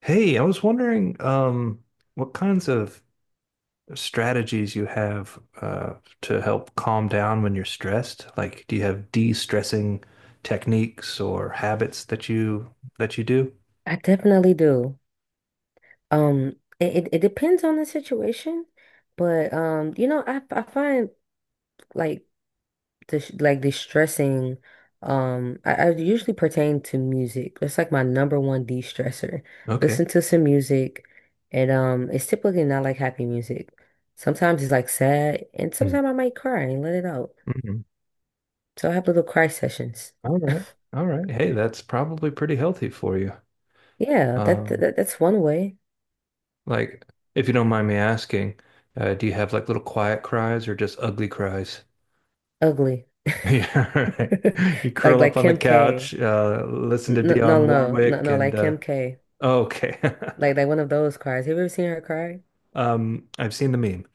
Hey, I was wondering what kinds of strategies you have to help calm down when you're stressed. Like, do you have de-stressing techniques or habits that you do? I definitely do. It depends on the situation, but I find like this like distressing. I usually pertain to music. That's like my number one de-stressor. Okay. Listen to some music, and it's typically not like happy music. Sometimes it's like sad, and Mm. sometimes I might cry and let it out. Mhm. So I have little cry sessions. All right. All right. Hey, that's probably pretty healthy for you. Yeah, that, Um, that that's one way. like, if you don't mind me asking, do you have like little quiet cries or just ugly cries? Ugly, Yeah, all right. You like curl up like on the Kim K. couch, listen to No, Dionne no, no, no, Warwick, no, and like Kim K. okay. Like one of those cries. Have you ever seen her cry? I've seen the meme.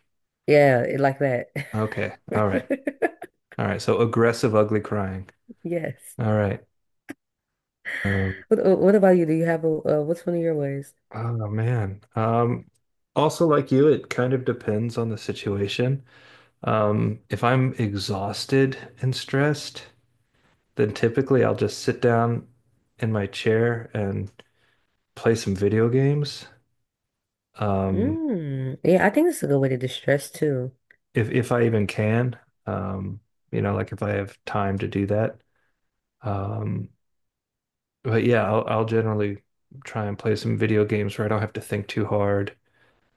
Yeah, it, like that. Okay. All right. All right. So aggressive, ugly crying. Yes. All right. Um, What about you? Do you have a what's one of your ways? oh man. Also like you, it kind of depends on the situation. If I'm exhausted and stressed, then typically I'll just sit down in my chair and play some video games. Um, Mm. Yeah, I think that's a good way to distress too. if I even can. Um, you know, like if I have time to do that. Um, but yeah, I'll generally try and play some video games where I don't have to think too hard.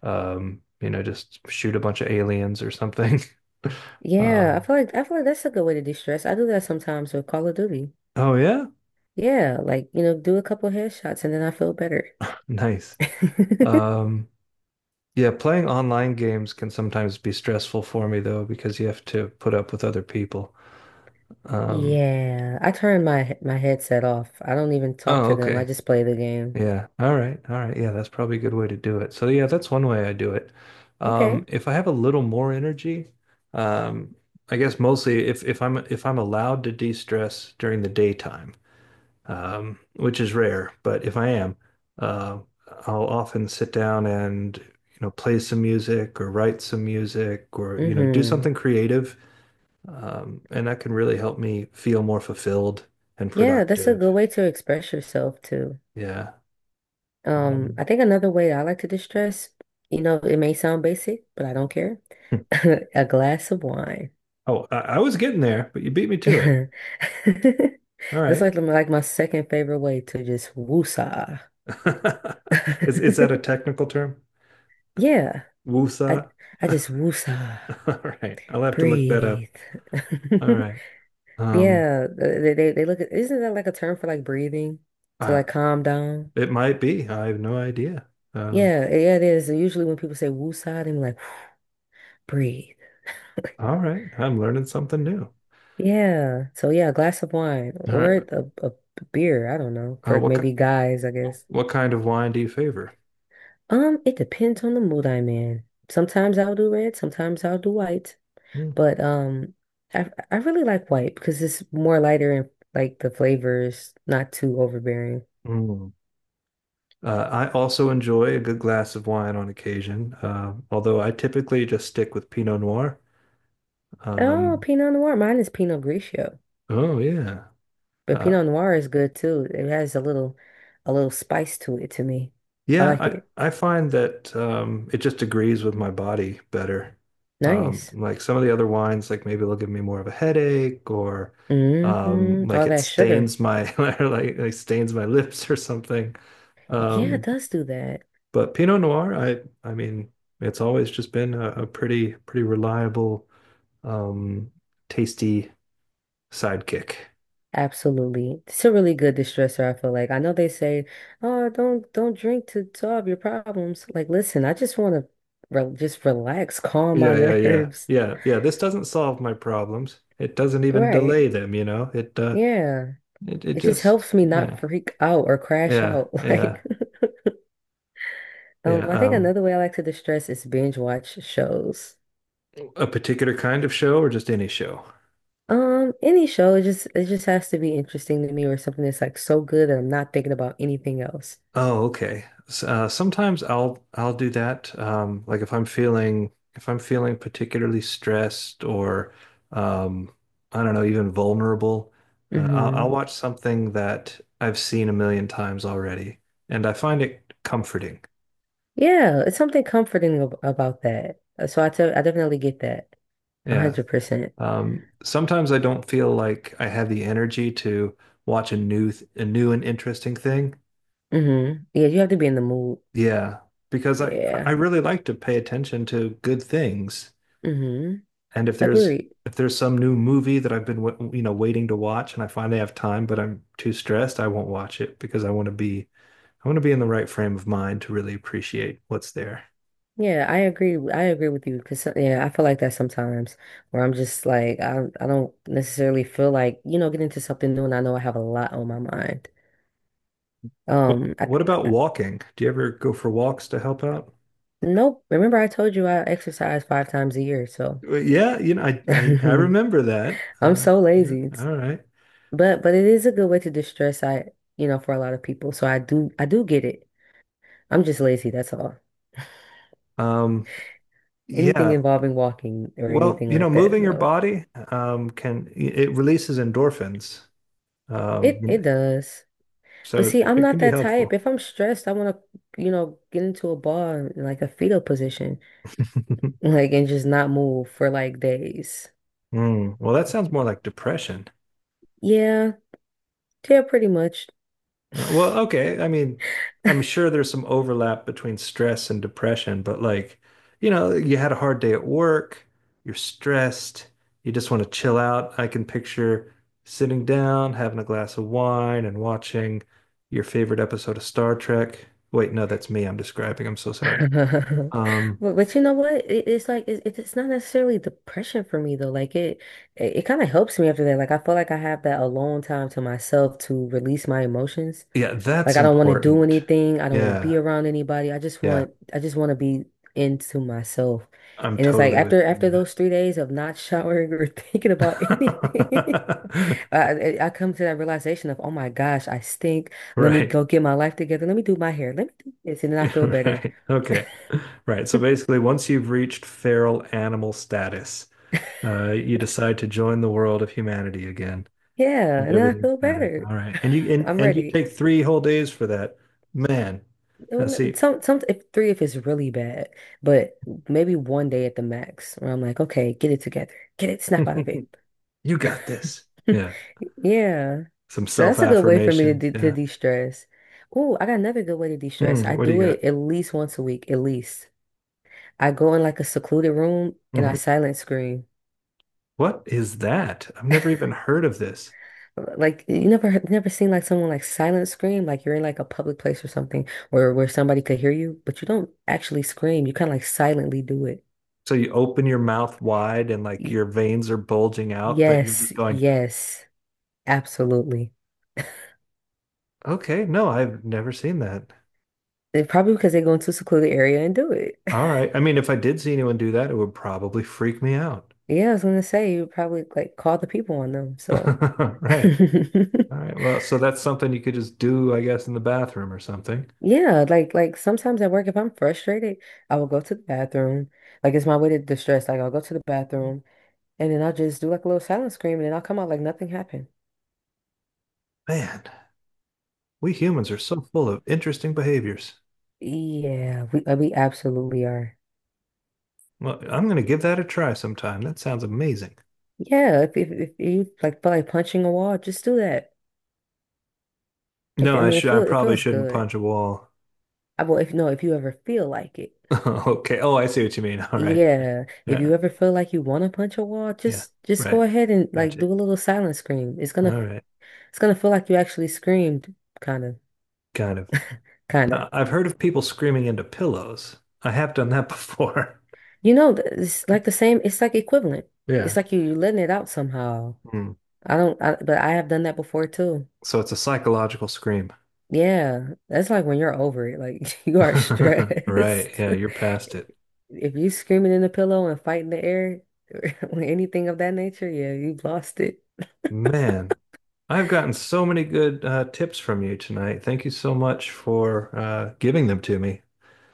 You know, just shoot a bunch of aliens or something. Yeah, I Um, feel like I feel like that's a good way to distress. I do that sometimes with Call of Duty. oh yeah, Yeah, like you know, do a couple headshots and then I feel better. nice. Um, yeah, playing online games can sometimes be stressful for me though because you have to put up with other people. Um, Yeah, I turn my headset off. I don't even talk oh, to them. I okay. just play the game. Yeah. All right. All right. Yeah, that's probably a good way to do it. So yeah, that's one way I do it. Okay. If I have a little more energy, um, I guess mostly if I'm allowed to de-stress during the daytime, which is rare, but if I am, uh, I'll often sit down and you know play some music or write some music or you know do Mm-hmm. something creative, and that can really help me feel more fulfilled and Yeah, that's a productive. good way to express yourself too. Yeah. Um, I think another way I like to distress, you know, it may sound basic, but I don't care. A glass of wine. Oh, I was getting there, but you beat me to it. That's All right. like my second favorite way to just woosah. Is that a technical term? Yeah, I Wusa? I just woosah, All right. I'll have to look that up. breathe. All right. Um, Yeah, they look at isn't that like a term for like breathing to uh, like calm down? it might be. I have no idea. Um, Yeah, yeah, it is. Usually when people say woosah, they're like breathe. all right. I'm learning something new. Yeah. So yeah, a glass of wine All right. or a beer. I don't know. Uh, For what maybe ki- guys, I guess. what kind of wine do you favor? It depends on the mood I'm in. Sometimes I'll do red, sometimes I'll do white. Hmm. But I really like white because it's more lighter and like the flavors not too overbearing. Mm. I also enjoy a good glass of wine on occasion, although I typically just stick with Pinot Noir. Oh, Um, Pinot Noir. Mine is Pinot Grigio. oh yeah. But Uh, Pinot Noir is good too. It has a little spice to it to me. I yeah, like it. I find that it just agrees with my body better. Nice. Like some of the other wines, like maybe they'll give me more of a headache or Mm-hmm. like All it that sugar. stains my like stains my lips or something. Yeah, it Um, does do that. but Pinot Noir, I mean, it's always just been a pretty reliable, um, tasty sidekick. Absolutely. It's a really good distressor, I feel like. I know they say, "Oh, don't drink to solve your problems." Like, listen, I just want to re just relax, calm my Yeah, yeah, yeah, nerves. yeah, yeah. This doesn't solve my problems. It doesn't even delay Right. them, you know. Yeah. It It just just helps me not yeah freak out or crash yeah out. Like, yeah yeah. I think another way I like to distress is binge watch shows. A particular kind of show or just any show? Any show, it just has to be interesting to me or something that's like so good that I'm not thinking about anything else. Oh, okay. Sometimes I'll do that. Like if I'm feeling particularly stressed or um, I don't know, even vulnerable, I'll Hmm. watch something that I've seen a million times already, and I find it comforting. Yeah, it's something comforting about that. So I definitely get that. Yeah. 100%. Sometimes I don't feel like I have the energy to watch a new and interesting thing. Mm-hmm. Yeah, you have to be in the mood. Yeah, because I Yeah. really like to pay attention to good things. Mm-hmm. And if there's Agreed. if there's some new movie that I've been you know waiting to watch and I finally have time but I'm too stressed, I won't watch it because I want to be in the right frame of mind to really appreciate what's there. Yeah, I agree. I agree with you because yeah, I feel like that sometimes where I'm just like I don't necessarily feel like, you know, get into something new and I know I have a lot on my mind. What Um, I, what about walking? Do you ever go for walks to help out? nope. Remember I told you I exercise 5 times a year, so Well, yeah, you know, I remember that. I'm so Yeah, lazy. all right. But it is a good way to distress, I you know, for a lot of people. So I do get it. I'm just lazy, that's all. Um, Anything yeah. involving walking or Well, anything you know, like that, moving your no. body can it releases endorphins. It Um, it does. But so see, I'm it can not be that type. helpful. If I'm stressed, I want to, you know, get into a ball in like a fetal position, like and just not move for like days. Mm, well, that sounds more like depression. Yeah, yeah, pretty much. Well, okay. I mean, I'm sure there's some overlap between stress and depression, but like, you know, you had a hard day at work, you're stressed, you just want to chill out. I can picture sitting down, having a glass of wine, and watching your favorite episode of Star Trek. Wait, no, that's me I'm describing. I'm so sorry. Um, but you know what? It, it's like it, it's not necessarily depression for me though. Like it kind of helps me after that. Like I feel like I have that alone time to myself to release my emotions. yeah, Like that's I don't want to do important. anything. I don't want to be Yeah. around anybody. I just Yeah. want I just want to be into myself. I'm And it's like totally with after you. those three days of not showering or thinking about anything, Yeah. I, I come to that realization of, oh my gosh, I stink. Let me Right. go get my life together. Let me do my hair. Let me do this, and then I feel better. Right. Okay. Right. So basically, once you've reached feral animal status, you decide to join the world of humanity again, Yeah, and and then I everything's feel better. better. All right. And you and, I'm and you ready. take three whole days for that. Man, now Well, see, if three if it's really bad, but maybe one day at the max where I'm like, okay, get it together, get it, snap out of it. you got this. Yeah. Yeah, Some so that's a good way for me to self-affirmations. de to Yeah. de-stress. Oh, I got another good way to de-stress. Mm, I what do you do it got? at least once a week, at least. I go in like a secluded room and I Hmm. silent scream. What is that? I've never even heard of this. Like you never seen like someone like silent scream, like you're in like a public place or something where somebody could hear you but you don't actually scream, you kind of like silently do it. So you open your mouth wide and like Y- your veins are bulging out, but you're yes, just going, yes, absolutely. okay, no, I've never seen that. And probably because they go into a secluded area and do it. All right. I mean, if I did see anyone do that, it would probably freak me out. Yeah, I was gonna say you probably like call the people on them, so. Right. All right. Well, so that's something you could just do, I guess, in the bathroom or something. Yeah, like sometimes at work if I'm frustrated, I will go to the bathroom, like it's my way to distress. Like I'll go to the bathroom and then I'll just do like a little silent scream and then I'll come out like nothing happened. Man, we humans are so full of interesting behaviors. Yeah, we absolutely are. Well, I'm going to give that a try sometime. That sounds amazing. Yeah, if you like feel like punching a wall, just do that. If No, I mean, it I feel it probably feels shouldn't good. punch a wall. I will if, no, if you ever feel like it. Okay. Oh, I see what you mean. All right. Yeah, if you Yeah. ever feel like you want to punch a wall, Yeah. just go Right. ahead and like Gotcha. do a little silent scream. All right. It's gonna feel like you actually screamed, kind of, Kind of. kind of. I've heard of people screaming into pillows. I have done that before. You know, it's like the same. It's like equivalent. It's Yeah. like you, you're letting it out somehow. Hmm. I don't, I, but I have done that before too. So it's a psychological scream. Yeah, that's like when you're over it. Like you are Right. stressed. Yeah, you're past it. If you screaming in the pillow and fighting the air, or anything of that nature, yeah, you've lost it. Man, I've gotten so many good tips from you tonight. Thank you so much for giving them to me.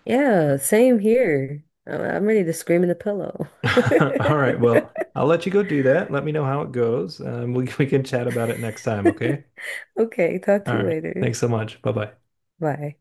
Yeah, same here. I'm ready to scream in the pillow. All right. Well, I'll let you go do that. Let me know how it goes. We can chat about it next time, okay? Okay, talk All to you right. later. Thanks so much. Bye bye. Bye.